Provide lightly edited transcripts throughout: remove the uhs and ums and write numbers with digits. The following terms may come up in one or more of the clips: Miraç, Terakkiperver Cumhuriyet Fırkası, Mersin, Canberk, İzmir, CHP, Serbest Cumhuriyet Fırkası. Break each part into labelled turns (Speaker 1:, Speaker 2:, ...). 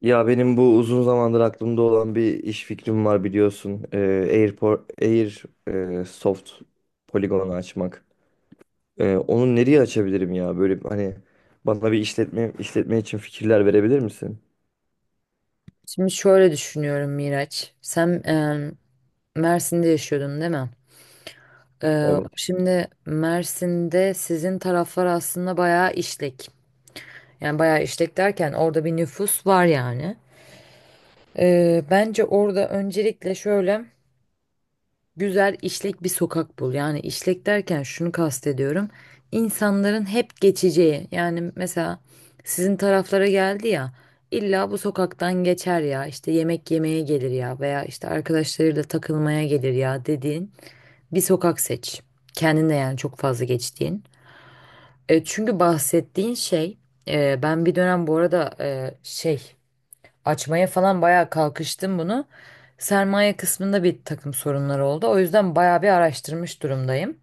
Speaker 1: Ya benim bu uzun zamandır aklımda olan bir iş fikrim var, biliyorsun. Air Soft poligonu açmak. Onu nereye açabilirim ya? Böyle hani bana bir işletme için fikirler verebilir misin?
Speaker 2: Şimdi şöyle düşünüyorum Miraç. Sen Mersin'de yaşıyordun değil mi?
Speaker 1: Evet.
Speaker 2: Şimdi Mersin'de sizin taraflar aslında bayağı işlek. Yani bayağı işlek derken orada bir nüfus var yani. Bence orada öncelikle şöyle, güzel işlek bir sokak bul. Yani işlek derken şunu kastediyorum. İnsanların hep geçeceği. Yani mesela sizin taraflara geldi ya. İlla bu sokaktan geçer ya. İşte yemek yemeye gelir ya veya işte arkadaşlarıyla takılmaya gelir ya dediğin bir sokak seç. Kendine yani çok fazla geçtiğin. Çünkü bahsettiğin şey, ben bir dönem bu arada şey açmaya falan bayağı kalkıştım bunu. Sermaye kısmında bir takım sorunlar oldu. O yüzden bayağı bir araştırmış durumdayım.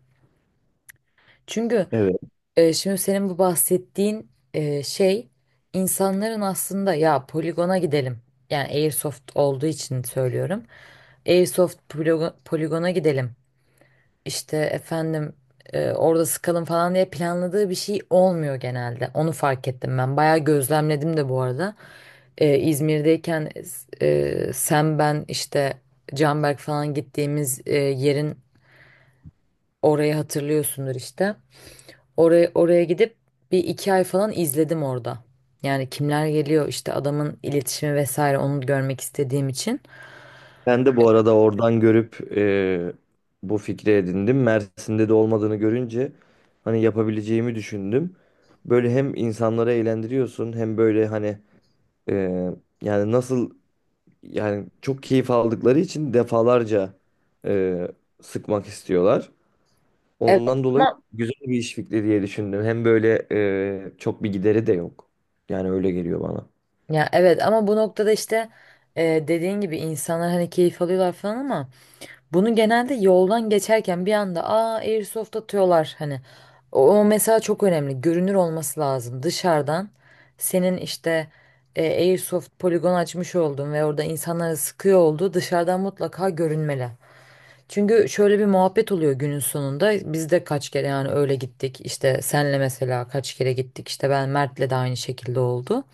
Speaker 2: Çünkü
Speaker 1: Evet.
Speaker 2: şimdi senin bu bahsettiğin şey, insanların aslında ya poligona gidelim. Yani Airsoft olduğu için söylüyorum. Airsoft poligona gidelim işte efendim, orada sıkalım falan diye planladığı bir şey olmuyor genelde. Onu fark ettim ben. Bayağı gözlemledim de bu arada. İzmir'deyken, sen ben işte Canberk falan gittiğimiz yerin, orayı hatırlıyorsundur işte. Oraya gidip bir iki ay falan izledim orada. Yani kimler geliyor işte, adamın iletişimi vesaire, onu görmek istediğim için.
Speaker 1: Ben de bu arada oradan görüp, bu fikri edindim. Mersin'de de olmadığını görünce hani yapabileceğimi düşündüm. Böyle hem insanları eğlendiriyorsun, hem böyle hani, e, yani nasıl yani çok keyif aldıkları için defalarca, e, sıkmak istiyorlar.
Speaker 2: Evet
Speaker 1: Ondan dolayı
Speaker 2: ama
Speaker 1: güzel bir iş fikri diye düşündüm. Hem böyle, çok bir gideri de yok. Yani öyle geliyor bana.
Speaker 2: Ya evet, ama bu noktada işte, dediğin gibi insanlar hani keyif alıyorlar falan ama bunu genelde yoldan geçerken bir anda aa airsoft atıyorlar hani. O mesela çok önemli, görünür olması lazım dışarıdan. Senin işte airsoft poligon açmış oldun ve orada insanlara sıkıyor olduğu dışarıdan mutlaka görünmeli. Çünkü şöyle bir muhabbet oluyor günün sonunda. Biz de kaç kere yani öyle gittik. İşte senle mesela kaç kere gittik. İşte ben Mert'le de aynı şekilde oldu.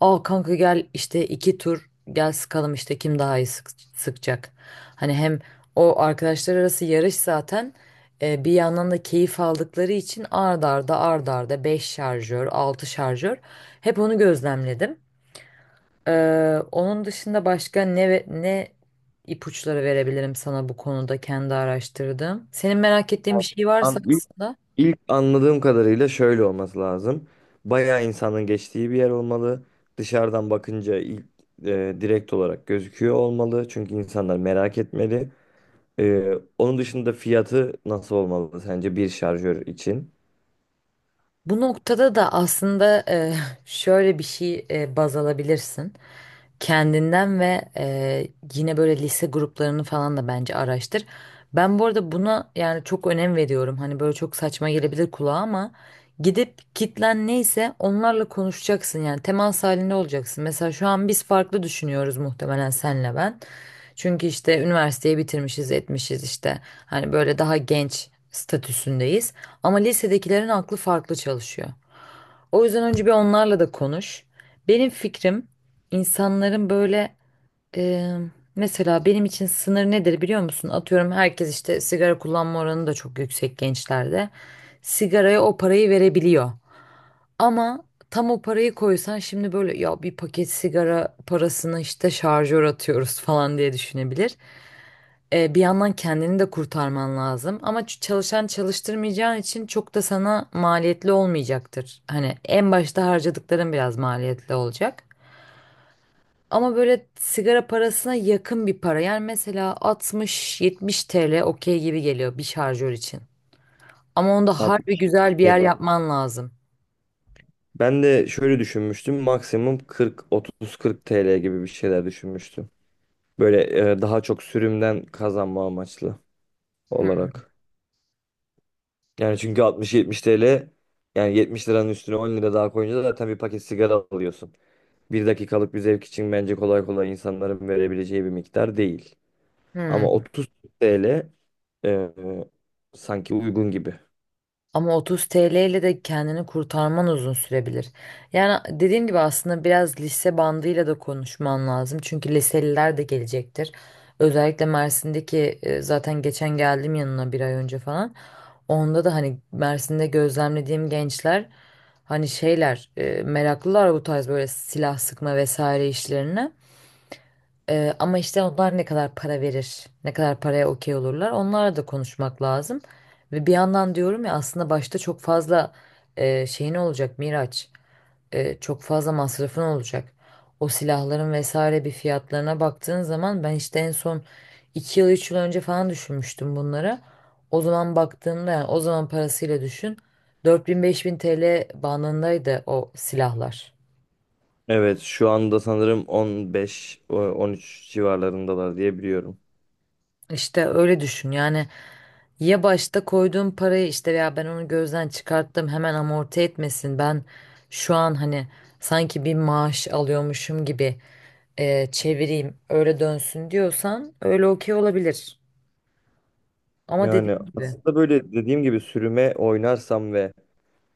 Speaker 2: Aa kanka gel işte, iki tur gel sıkalım, işte kim daha iyi sıkacak. Hani hem o arkadaşlar arası yarış zaten, bir yandan da keyif aldıkları için ard arda ard arda 5 şarjör, 6 şarjör, hep onu gözlemledim. Onun dışında başka ne ipuçları verebilirim sana bu konuda, kendi araştırdım. Senin merak ettiğin bir şey varsa
Speaker 1: İlk
Speaker 2: aslında.
Speaker 1: ilk anladığım kadarıyla şöyle olması lazım. Bayağı insanın geçtiği bir yer olmalı. Dışarıdan bakınca ilk, direkt olarak gözüküyor olmalı. Çünkü insanlar merak etmeli. Onun dışında fiyatı nasıl olmalı sence bir şarjör için?
Speaker 2: Bu noktada da aslında şöyle bir şey baz alabilirsin. Kendinden ve yine böyle lise gruplarını falan da bence araştır. Ben bu arada buna yani çok önem veriyorum. Hani böyle çok saçma gelebilir kulağa ama gidip kitlen neyse onlarla konuşacaksın. Yani temas halinde olacaksın. Mesela şu an biz farklı düşünüyoruz muhtemelen, senle ben. Çünkü işte üniversiteyi bitirmişiz, etmişiz işte. Hani böyle daha genç statüsündeyiz. Ama lisedekilerin aklı farklı çalışıyor. O yüzden önce bir onlarla da konuş. Benim fikrim, insanların böyle, e, mesela benim için sınır nedir biliyor musun? Atıyorum, herkes işte sigara kullanma oranı da çok yüksek gençlerde. Sigaraya o parayı verebiliyor. Ama tam o parayı koysan şimdi, böyle ya bir paket sigara parasını işte şarjör atıyoruz falan diye düşünebilir. Bir yandan kendini de kurtarman lazım ama çalışan çalıştırmayacağın için çok da sana maliyetli olmayacaktır. Hani en başta harcadıkların biraz maliyetli olacak. Ama böyle sigara parasına yakın bir para. Yani mesela 60-70 TL okey gibi geliyor bir şarjör için. Ama onda harbi
Speaker 1: altmış
Speaker 2: güzel bir yer yapman lazım.
Speaker 1: Ben de şöyle düşünmüştüm. Maksimum 40, 30, 40 TL gibi bir şeyler düşünmüştüm. Böyle, daha çok sürümden kazanma amaçlı olarak. Yani çünkü 60, 70 TL, yani 70 liranın üstüne 10 lira daha koyunca da zaten bir paket sigara alıyorsun. Bir dakikalık bir zevk için bence kolay kolay insanların verebileceği bir miktar değil. Ama
Speaker 2: Hmm.
Speaker 1: 30 TL e, sanki uygun gibi.
Speaker 2: Ama 30 TL ile de kendini kurtarman uzun sürebilir. Yani dediğim gibi, aslında biraz lise bandıyla da konuşman lazım. Çünkü liseliler de gelecektir. Özellikle Mersin'deki, zaten geçen geldim yanına bir ay önce falan. Onda da hani Mersin'de gözlemlediğim gençler, hani şeyler, meraklılar bu tarz böyle silah sıkma vesaire işlerine. Ama işte onlar ne kadar para verir, ne kadar paraya okey olurlar, onlarla da konuşmak lazım. Ve bir yandan diyorum ya, aslında başta çok fazla şeyin olacak Miraç, çok fazla masrafın olacak. O silahların vesaire bir fiyatlarına baktığın zaman, ben işte en son 2 yıl 3 yıl önce falan düşünmüştüm bunları. O zaman baktığımda yani, o zaman parasıyla düşün, 4.000-5.000 TL bandındaydı o silahlar.
Speaker 1: Evet, şu anda sanırım 13 civarlarındalar diye biliyorum.
Speaker 2: İşte öyle düşün yani. Ya başta koyduğum parayı işte, ya ben onu gözden çıkarttım, hemen amorti etmesin, ben şu an hani sanki bir maaş alıyormuşum gibi çevireyim öyle dönsün diyorsan öyle okey olabilir, ama dediğim
Speaker 1: Yani
Speaker 2: gibi.
Speaker 1: aslında, böyle dediğim gibi, sürüme oynarsam ve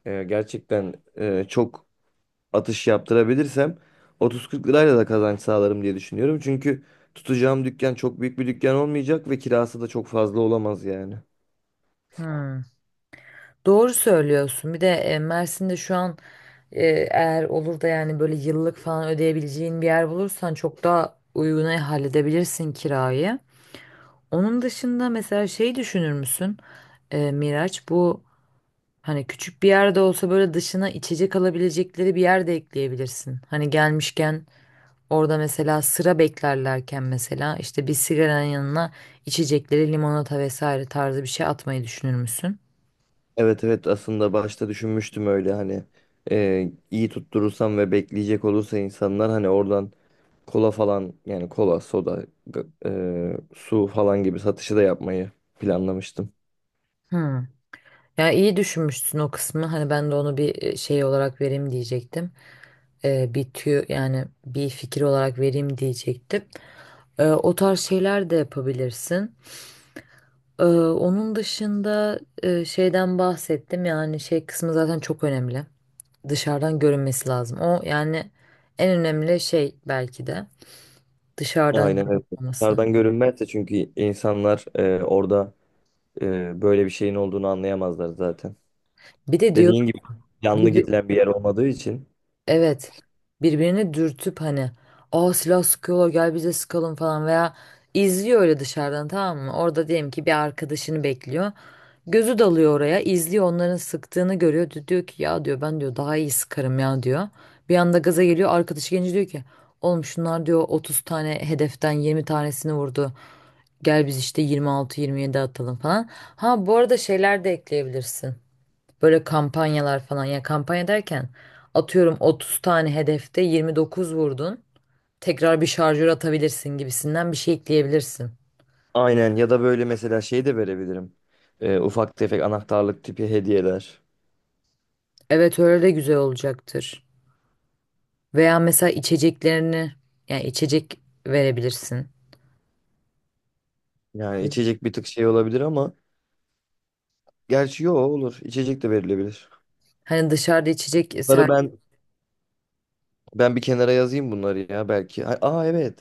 Speaker 1: gerçekten çok atış yaptırabilirsem, 30-40 lirayla da kazanç sağlarım diye düşünüyorum. Çünkü tutacağım dükkan çok büyük bir dükkan olmayacak ve kirası da çok fazla olamaz yani.
Speaker 2: Hmm, doğru söylüyorsun. Bir de Mersin'de şu an, e, eğer olur da yani böyle yıllık falan ödeyebileceğin bir yer bulursan çok daha uyguna halledebilirsin kirayı. Onun dışında mesela şey düşünür müsün? Miraç, bu hani küçük bir yerde olsa böyle dışına içecek alabilecekleri bir yer de ekleyebilirsin. Hani gelmişken orada mesela sıra beklerlerken, mesela işte bir sigaranın yanına içecekleri, limonata vesaire tarzı bir şey atmayı düşünür müsün?
Speaker 1: Evet, evet, aslında başta düşünmüştüm öyle, hani, iyi tutturursam ve bekleyecek olursa insanlar hani oradan kola falan, yani kola, soda, su falan gibi satışı da yapmayı planlamıştım.
Speaker 2: Hmm. Ya iyi düşünmüşsün o kısmı. Hani ben de onu bir şey olarak vereyim diyecektim. Bir tüyo yani bir fikir olarak vereyim diyecektim. O tarz şeyler de yapabilirsin. Onun dışında şeyden bahsettim, yani şey kısmı zaten çok önemli. Dışarıdan görünmesi lazım. O yani en önemli şey belki de dışarıdan
Speaker 1: Aynen öyle.
Speaker 2: görünmesi.
Speaker 1: Dışarıdan görünmezse çünkü insanlar orada, böyle bir şeyin olduğunu anlayamazlar zaten.
Speaker 2: Bir de diyor
Speaker 1: Dediğin gibi, yanlı
Speaker 2: bir,
Speaker 1: gidilen bir yer olmadığı için.
Speaker 2: evet, birbirini dürtüp hani aa silah sıkıyorlar gel bize sıkalım falan, veya izliyor öyle dışarıdan, tamam mı? Orada diyelim ki bir arkadaşını bekliyor. Gözü dalıyor oraya, izliyor, onların sıktığını görüyor. Diyor ki, ya diyor, ben diyor daha iyi sıkarım ya diyor. Bir anda gaza geliyor, arkadaşı gelince diyor ki, oğlum şunlar diyor 30 tane hedeften 20 tanesini vurdu. Gel biz işte 26-27 atalım falan. Ha bu arada şeyler de ekleyebilirsin. Böyle kampanyalar falan, ya kampanya derken, atıyorum 30 tane hedefte 29 vurdun, tekrar bir şarjör atabilirsin gibisinden bir şey ekleyebilirsin.
Speaker 1: Aynen. Ya da böyle mesela şey de verebilirim. Ufak tefek anahtarlık tipi hediyeler.
Speaker 2: Evet, öyle de güzel olacaktır. Veya mesela içeceklerini, yani içecek verebilirsin.
Speaker 1: Yani içecek bir tık şey olabilir ama, gerçi yo, olur. İçecek de verilebilir.
Speaker 2: Hani dışarıda içecek
Speaker 1: Bunları
Speaker 2: ser,
Speaker 1: ben Ben bir kenara yazayım bunları ya belki. Ha- Aa Evet.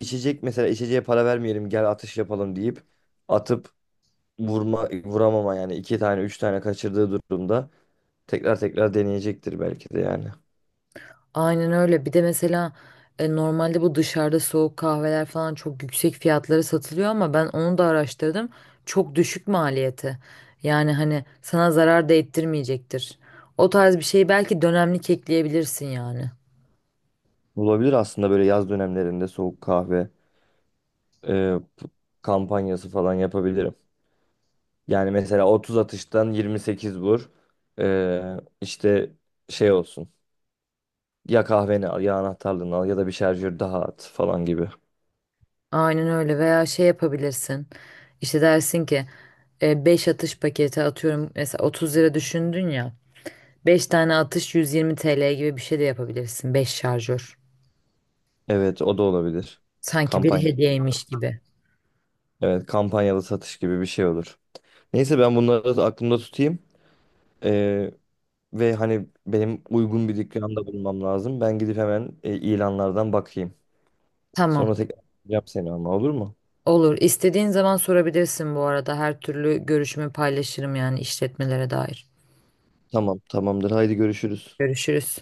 Speaker 1: İçecek mesela, içeceğe para vermeyelim, gel atış yapalım deyip atıp, vurma vuramama, yani iki tane üç tane kaçırdığı durumda tekrar tekrar deneyecektir belki de yani.
Speaker 2: aynen öyle. Bir de mesela normalde bu dışarıda soğuk kahveler falan çok yüksek fiyatlara satılıyor ama ben onu da araştırdım. Çok düşük maliyeti. Yani hani sana zarar da ettirmeyecektir. O tarz bir şeyi belki dönemlik ekleyebilirsin yani.
Speaker 1: Olabilir aslında, böyle yaz dönemlerinde soğuk kahve e, p- kampanyası falan yapabilirim. Yani mesela 30 atıştan 28 vur. E, işte şey olsun. Ya kahveni al, ya anahtarlığını al, ya da bir şarjör daha at falan gibi.
Speaker 2: Aynen öyle, veya şey yapabilirsin. İşte dersin ki 5 atış paketi atıyorum, mesela 30 lira düşündün ya. 5 tane atış 120 TL gibi bir şey de yapabilirsin. 5 şarjör.
Speaker 1: Evet, o da olabilir.
Speaker 2: Sanki bir
Speaker 1: Kampanya.
Speaker 2: hediyeymiş gibi.
Speaker 1: Evet, kampanyalı satış gibi bir şey olur. Neyse, ben bunları da aklımda tutayım. E, Ve hani benim uygun bir dükkanda bulmam lazım. Ben gidip hemen, ilanlardan bakayım.
Speaker 2: Tamam.
Speaker 1: Sonra tekrar arayacağım seni, ama olur mu?
Speaker 2: Olur. İstediğin zaman sorabilirsin bu arada. Her türlü görüşümü paylaşırım yani işletmelere dair.
Speaker 1: Tamam, tamamdır. Haydi, görüşürüz.
Speaker 2: Görüşürüz.